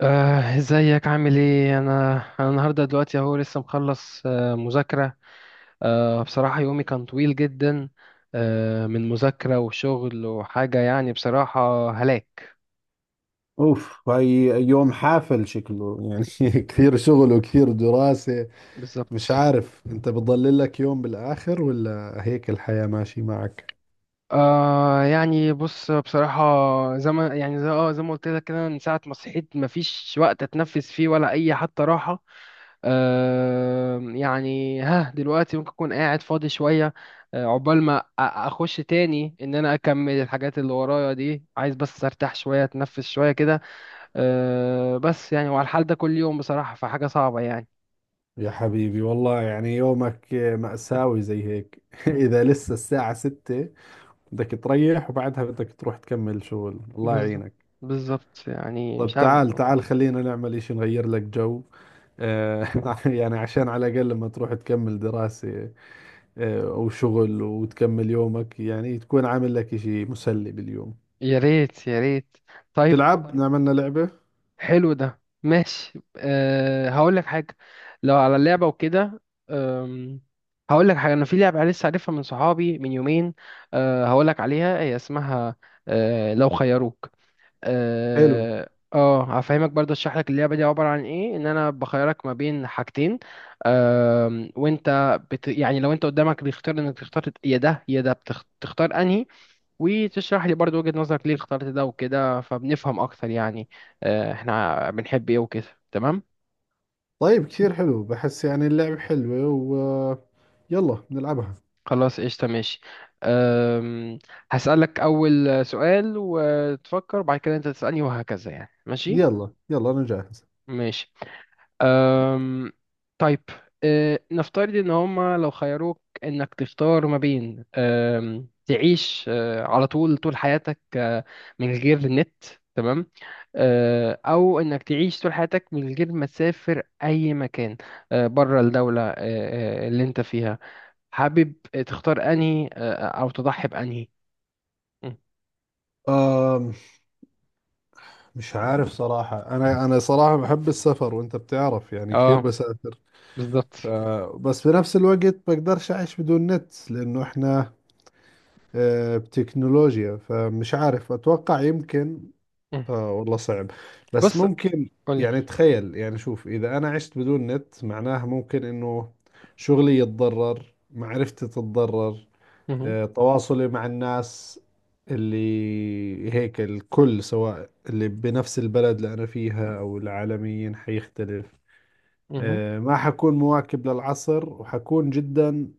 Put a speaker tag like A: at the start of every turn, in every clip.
A: ازيك عامل ايه؟ انا النهارده دلوقتي اهو لسه مخلص مذاكره. بصراحه يومي كان طويل جدا، من مذاكره وشغل وحاجه، يعني بصراحه هلاك.
B: اوف هاي. يوم حافل شكله يعني. كثير شغل وكثير دراسة.
A: بالظبط.
B: مش عارف انت بتضل لك يوم بالاخر ولا هيك الحياة ماشي معك؟
A: يعني بص، بصراحة زي ما يعني زي زي ما قلت لك كده، من ساعة ما صحيت مفيش وقت اتنفس فيه ولا أي حتى راحة. يعني ها دلوقتي ممكن اكون قاعد فاضي شويه، عقبال ما اخش تاني ان انا اكمل الحاجات اللي ورايا دي. عايز بس ارتاح شويه، اتنفس شويه كده. بس يعني وعلى الحال ده كل يوم، بصراحه فحاجه صعبه يعني.
B: يا حبيبي والله يعني يومك مأساوي زي هيك.
A: م،
B: اذا لسه الساعة ستة بدك تريح وبعدها بدك تروح تكمل شغل، الله
A: بالظبط.
B: يعينك.
A: بالظبط يعني مش
B: طب
A: عارف.
B: تعال خلينا نعمل اشي نغير لك جو. آه، يعني عشان على الاقل لما تروح تكمل دراسة وشغل وتكمل يومك، يعني تكون عامل لك إشي مسلي باليوم.
A: يا ريت يا ريت. طيب،
B: تلعب؟ طيب إحنا عملنا لعبة
A: حلو ده، ماشي، هقول لك حاجة. لو على اللعبة وكده، أم، هقول لك حاجة، أنا في لعبة لسه عارفها من صحابي من يومين. هقول لك عليها، هي اسمها لو خيروك.
B: حلو.
A: اه. هفهمك برضه، اشرح لك اللعبة دي عبارة عن ايه. ان انا بخيرك ما بين حاجتين، وانت يعني لو انت قدامك بيختار انك تختار يا ده يا ده، بتختار انهي، وتشرح لي برضو وجهة نظرك ليه اخترت ده وكده، فبنفهم اكتر يعني، احنا بنحب ايه وكده. تمام،
B: طيب كثير حلو، بحس يعني اللعبة حلوة و يلا نلعبها.
A: خلاص قشطة ماشي. أم، هسألك أول سؤال وتفكر، وبعد كده أنت تسألني وهكذا، يعني ماشي.
B: يلا يلا أنا جاهز.
A: ماشي. أم... طيب، نفترض ان هما لو خيروك انك تختار ما بين، تعيش على طول طول حياتك من غير نت، تمام، او انك تعيش طول حياتك من غير ما تسافر اي مكان بره الدولة أه... أه، اللي انت فيها. حابب تختار انهي أه... آه، او تضحي بانهي؟ م.
B: آم مش عارف صراحة، أنا صراحة بحب السفر وأنت بتعرف يعني كثير
A: اه،
B: بسافر.
A: بالظبط.
B: ف بس بنفس الوقت بقدرش أعيش بدون نت، لأنه إحنا بتكنولوجيا، فمش عارف، أتوقع يمكن
A: م.
B: اه والله صعب، بس
A: بص،
B: ممكن.
A: قولي.
B: يعني تخيل، يعني شوف، اذا انا عشت بدون نت معناها ممكن انه شغلي يتضرر، معرفتي تتضرر،
A: مهم.
B: تواصلي مع الناس اللي هيك الكل، سواء اللي بنفس البلد اللي انا فيها او العالميين، حيختلف. ما حكون مواكب للعصر، وحكون جدا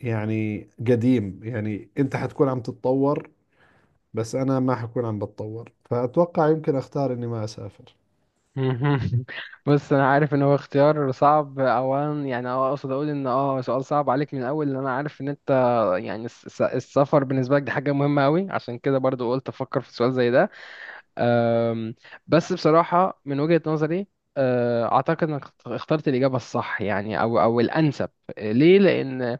B: يعني قديم. يعني انت حتكون عم تتطور بس انا ما حكون عم بتطور، فاتوقع يمكن اختار اني ما اسافر.
A: مهم. بص انا عارف ان هو اختيار صعب اولا، يعني اقصد اقول ان سؤال صعب عليك من الاول، لان انا عارف ان انت يعني السفر بالنسبه لك دي حاجه مهمه قوي، عشان كده برضو قلت افكر في سؤال زي ده. أم، بس بصراحه من وجهه نظري اعتقد انك اخترت الاجابه الصح يعني، او الانسب. ليه؟ لان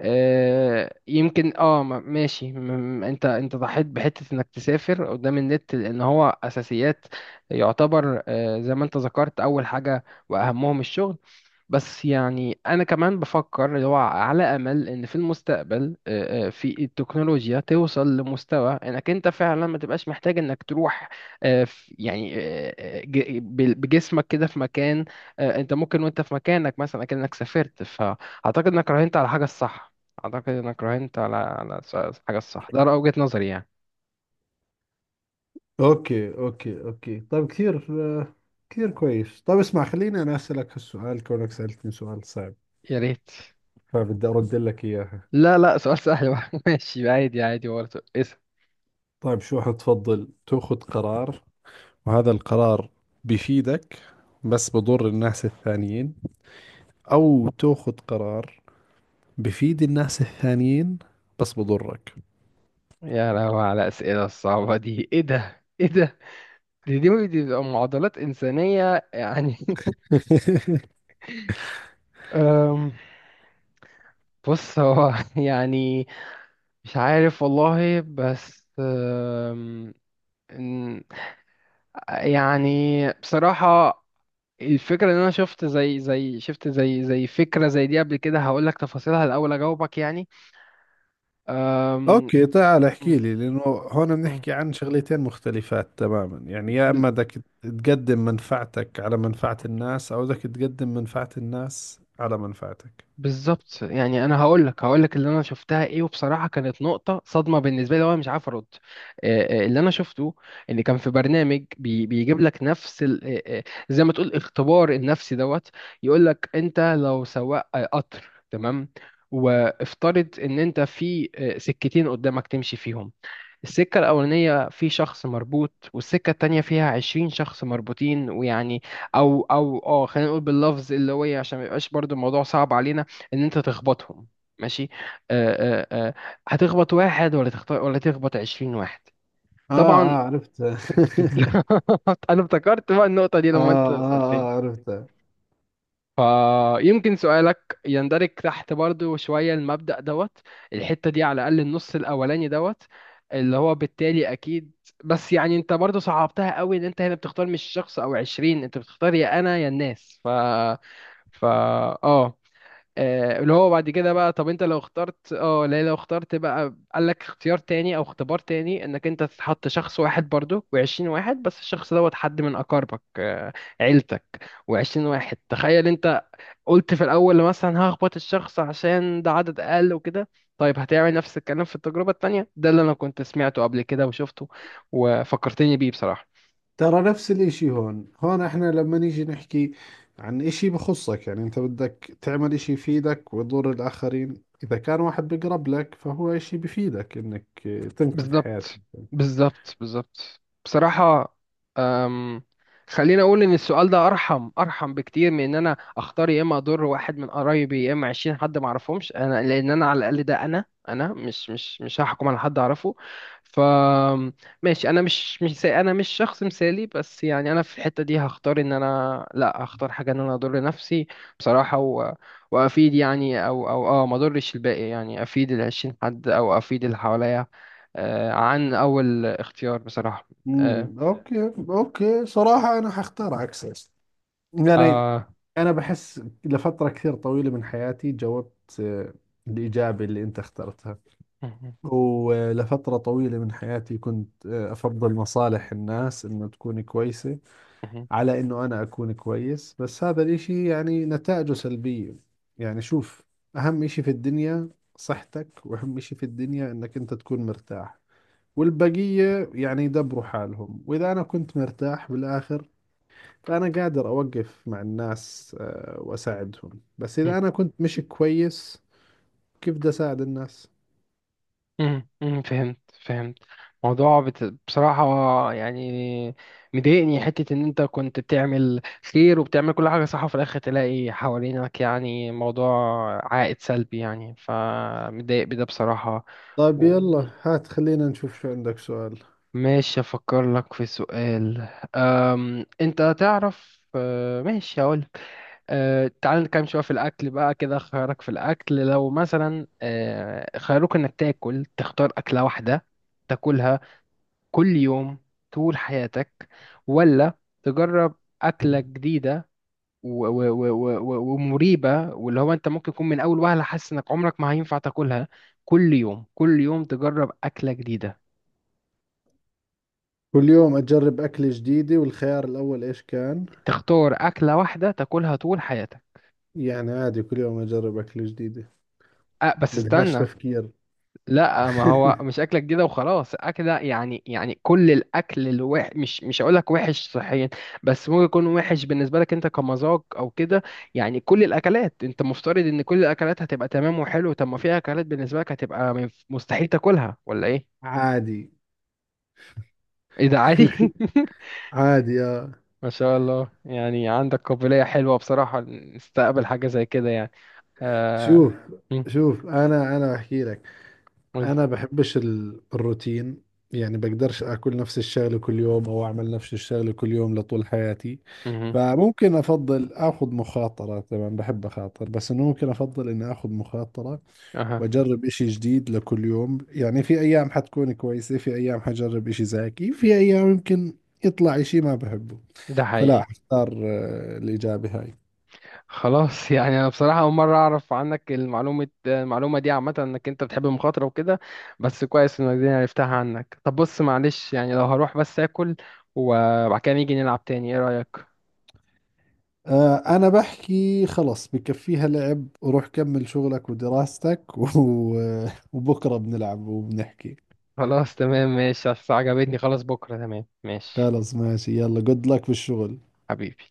A: يمكن ماشي، انت ضحيت بحته انك تسافر قدام النت، لان هو اساسيات. يعتبر زي ما انت ذكرت اول حاجه، واهمهم الشغل. بس يعني انا كمان بفكر اللي هو على امل ان في المستقبل في التكنولوجيا توصل لمستوى انك انت فعلا ما تبقاش محتاج انك تروح يعني بجسمك كده في مكان، انت ممكن وانت في مكانك مثلا كأنك سافرت. فاعتقد انك راهنت على حاجه الصح. أعتقد إنك راهنت على على الحاجة الصح. ده رأي وجهة نظري يعني.
B: اوكي اوكي اوكي، طيب كثير آه، كثير كويس. طيب اسمع، خليني انا اسالك هالسؤال كونك سالتني سؤال صعب،
A: يا ريت.
B: فبدي ارد لك اياها.
A: لا لا، سؤال سهل بقى. ماشي عادي عادي، برضه اسأل.
B: طيب شو حتفضل، تاخذ قرار وهذا القرار بفيدك بس بضر الناس الثانيين، او تاخذ قرار بفيد الناس الثانيين بس بضرك؟
A: يا لهوي على الأسئلة الصعبة دي، إيه ده إيه ده؟ دي بتبقى معضلات إنسانية يعني. أم، بص هو يعني مش عارف والله، بس إن- يعني بصراحة الفكرة ان انا شفت زي زي شفت زي زي فكرة زي دي قبل كده. هقول لك تفاصيلها الاول اجاوبك يعني. أم...
B: اوكي، تعال احكي
A: م-
B: لي، لانه هون
A: م-
B: بنحكي عن شغلتين مختلفات تماما. يعني يا
A: بز-
B: اما بدك تقدم منفعتك على منفعة الناس او بدك تقدم منفعة الناس على منفعتك.
A: بالظبط، يعني انا هقول لك اللي انا شفتها ايه، وبصراحه كانت نقطه صدمه بالنسبه لي وانا مش عارف ارد. اللي انا شفته ان كان في برنامج بيجيب لك نفس زي ما تقول اختبار النفسي دوت. يقول لك انت لو سواق قطر، تمام، وافترض ان انت في سكتين قدامك تمشي فيهم. السكة الأولانية في شخص مربوط، والسكة التانية فيها 20 شخص مربوطين، ويعني أو خلينا نقول باللفظ اللي هو إيه، عشان ما يبقاش برضو الموضوع صعب علينا، إن أنت تخبطهم. ماشي؟ آه آه آه هتخبط واحد ولا تخطئ، ولا تخبط 20 واحد؟
B: اه
A: طبعا.
B: اه عرفتها.
A: أنا افتكرت بقى النقطة دي
B: آه,
A: لما أنت
B: اه
A: سألتني،
B: اه عرفتها.
A: فيمكن سؤالك يندرج تحت برضو شوية المبدأ دوت، الحتة دي على الأقل، النص الأولاني دوت، اللي هو بالتالي أكيد. بس يعني أنت برضو صعبتها قوي، إن أنت هنا بتختار مش شخص أو عشرين، أنت بتختار يا أنا يا الناس. ف ف آه آه، اللي هو بعد كده بقى، طب انت لو اخترت اه لا لو اخترت بقى، قال لك اختيار تاني او اختبار تاني، انك انت تحط شخص واحد برضو و20 واحد، بس الشخص دوت حد من اقاربك، عيلتك، و20 واحد. تخيل انت قلت في الأول مثلا هخبط الشخص عشان ده عدد أقل وكده، طيب هتعمل نفس الكلام في التجربة التانية؟ ده اللي أنا كنت سمعته قبل كده وشفته وفكرتني بيه بصراحة.
B: ترى نفس الاشي هون، هون احنا لما نيجي نحكي عن اشي بخصك، يعني انت بدك تعمل اشي يفيدك ويضر الاخرين، اذا كان واحد بقرب لك فهو اشي بفيدك انك تنقذ حياة.
A: بالظبط. بالظبط بصراحة. أم، خليني أقول إن السؤال ده أرحم أرحم بكتير من إن أنا أختار يا إما أضر واحد من قرايبي، يا إما 20 حد معرفهمش أنا. لأن أنا على الأقل ده أنا، أنا مش هحكم على حد أعرفه. ف ماشي، أنا مش شخص مثالي، بس يعني أنا في الحتة دي هختار إن أنا لأ، هختار حاجة إن أنا أضر نفسي بصراحة وأفيد يعني، أو ما أضرش الباقي يعني، أفيد ال20 حد أو أفيد اللي حواليا عن أول اختيار بصراحة. آه،
B: امم، اوكي اوكي، صراحة انا حختار عكسك. يعني
A: آه،
B: انا بحس لفترة كثير طويلة من حياتي جاوبت آه، الإجابة اللي انت اخترتها.
A: مهم،
B: ولفترة طويلة من حياتي كنت افضل مصالح الناس انه تكون كويسة
A: مهم،
B: على انه انا اكون كويس، بس هذا الاشي يعني نتائجه سلبية. يعني شوف، اهم اشي في الدنيا صحتك، واهم اشي في الدنيا انك انت تكون مرتاح، والبقية يعني يدبروا حالهم. وإذا أنا كنت مرتاح بالآخر، فأنا قادر أوقف مع الناس وأساعدهم، بس
A: مهم،
B: إذا أنا كنت مش كويس كيف بدي أساعد الناس؟
A: مهم، فهمت فهمت. موضوع بصراحة يعني مضايقني حتة إن أنت كنت بتعمل خير وبتعمل كل حاجة صح، وفي الآخر تلاقي حوالينك يعني موضوع عائد سلبي يعني، فمضايق بده بصراحة.
B: طيب
A: و...
B: يلا هات، خلينا نشوف شو عندك سؤال.
A: ماشي، أفكر لك في سؤال. أنت تعرف ماشي، هقول. تعال نتكلم شوية في الأكل بقى كده. خيارك في الأكل لو مثلا خيروك إنك تاكل، تختار أكلة واحدة تاكلها كل يوم طول حياتك، ولا تجرب أكلة جديدة ومريبة، واللي هو أنت ممكن تكون من أول وهلة حاسس إنك عمرك ما هينفع تاكلها؟ كل يوم، كل يوم تجرب أكلة جديدة؟
B: كل يوم أجرب أكلة جديدة، والخيار الأول إيش كان؟
A: تختار أكلة واحدة تاكلها طول حياتك؟
B: يعني عادي كل يوم أجرب أكلة جديدة،
A: بس
B: بدهاش
A: استنى،
B: تفكير.
A: لا ما هو مش اكلك كده وخلاص اكل، يعني يعني كل الاكل الوح، مش هقول لك وحش صحيا، بس ممكن يكون وحش بالنسبه لك انت كمذاق او كده. يعني كل الاكلات انت مفترض ان كل الاكلات هتبقى تمام وحلو. طب ما في اكلات بالنسبه لك هتبقى مستحيل تاكلها ولا ايه؟
B: عادي،
A: ايه ده عادي؟
B: عادي يا.
A: ما شاء الله، يعني عندك قابليه حلوه بصراحه نستقبل حاجه زي كده يعني. آه...
B: شوف،
A: مم،
B: شوف أنا أحكي لك،
A: قولي.
B: انا بحبش الروتين. يعني بقدرش اكل نفس الشغله كل يوم او اعمل نفس الشغله كل يوم لطول حياتي.
A: مهم.
B: فممكن افضل اخذ مخاطره، طبعا بحب اخاطر، بس انه ممكن افضل اني اخذ مخاطره
A: اها.
B: واجرب اشي جديد لكل يوم. يعني في ايام حتكون كويسه، في ايام حجرب اشي زاكي، في ايام يمكن يطلع اشي ما بحبه،
A: ده
B: فلا
A: حقيقي.
B: اختار الاجابه هاي.
A: خلاص. يعني انا بصراحه اول مره اعرف عنك المعلومه دي، عامه انك انت بتحب المخاطره وكده، بس كويس انك دي عرفتها عنك. طب بص، معلش يعني، لو هروح بس اكل وبعد كده نيجي نلعب تاني، ايه رايك؟
B: أنا بحكي خلص بكفيها لعب، روح كمل شغلك ودراستك. و... وبكرة بنلعب وبنحكي.
A: خلاص تمام ماشي. أصل عجبتني، خلاص بكره، تمام ماشي.
B: خلص ماشي، يلا جود لك بالشغل.
A: حبيبي.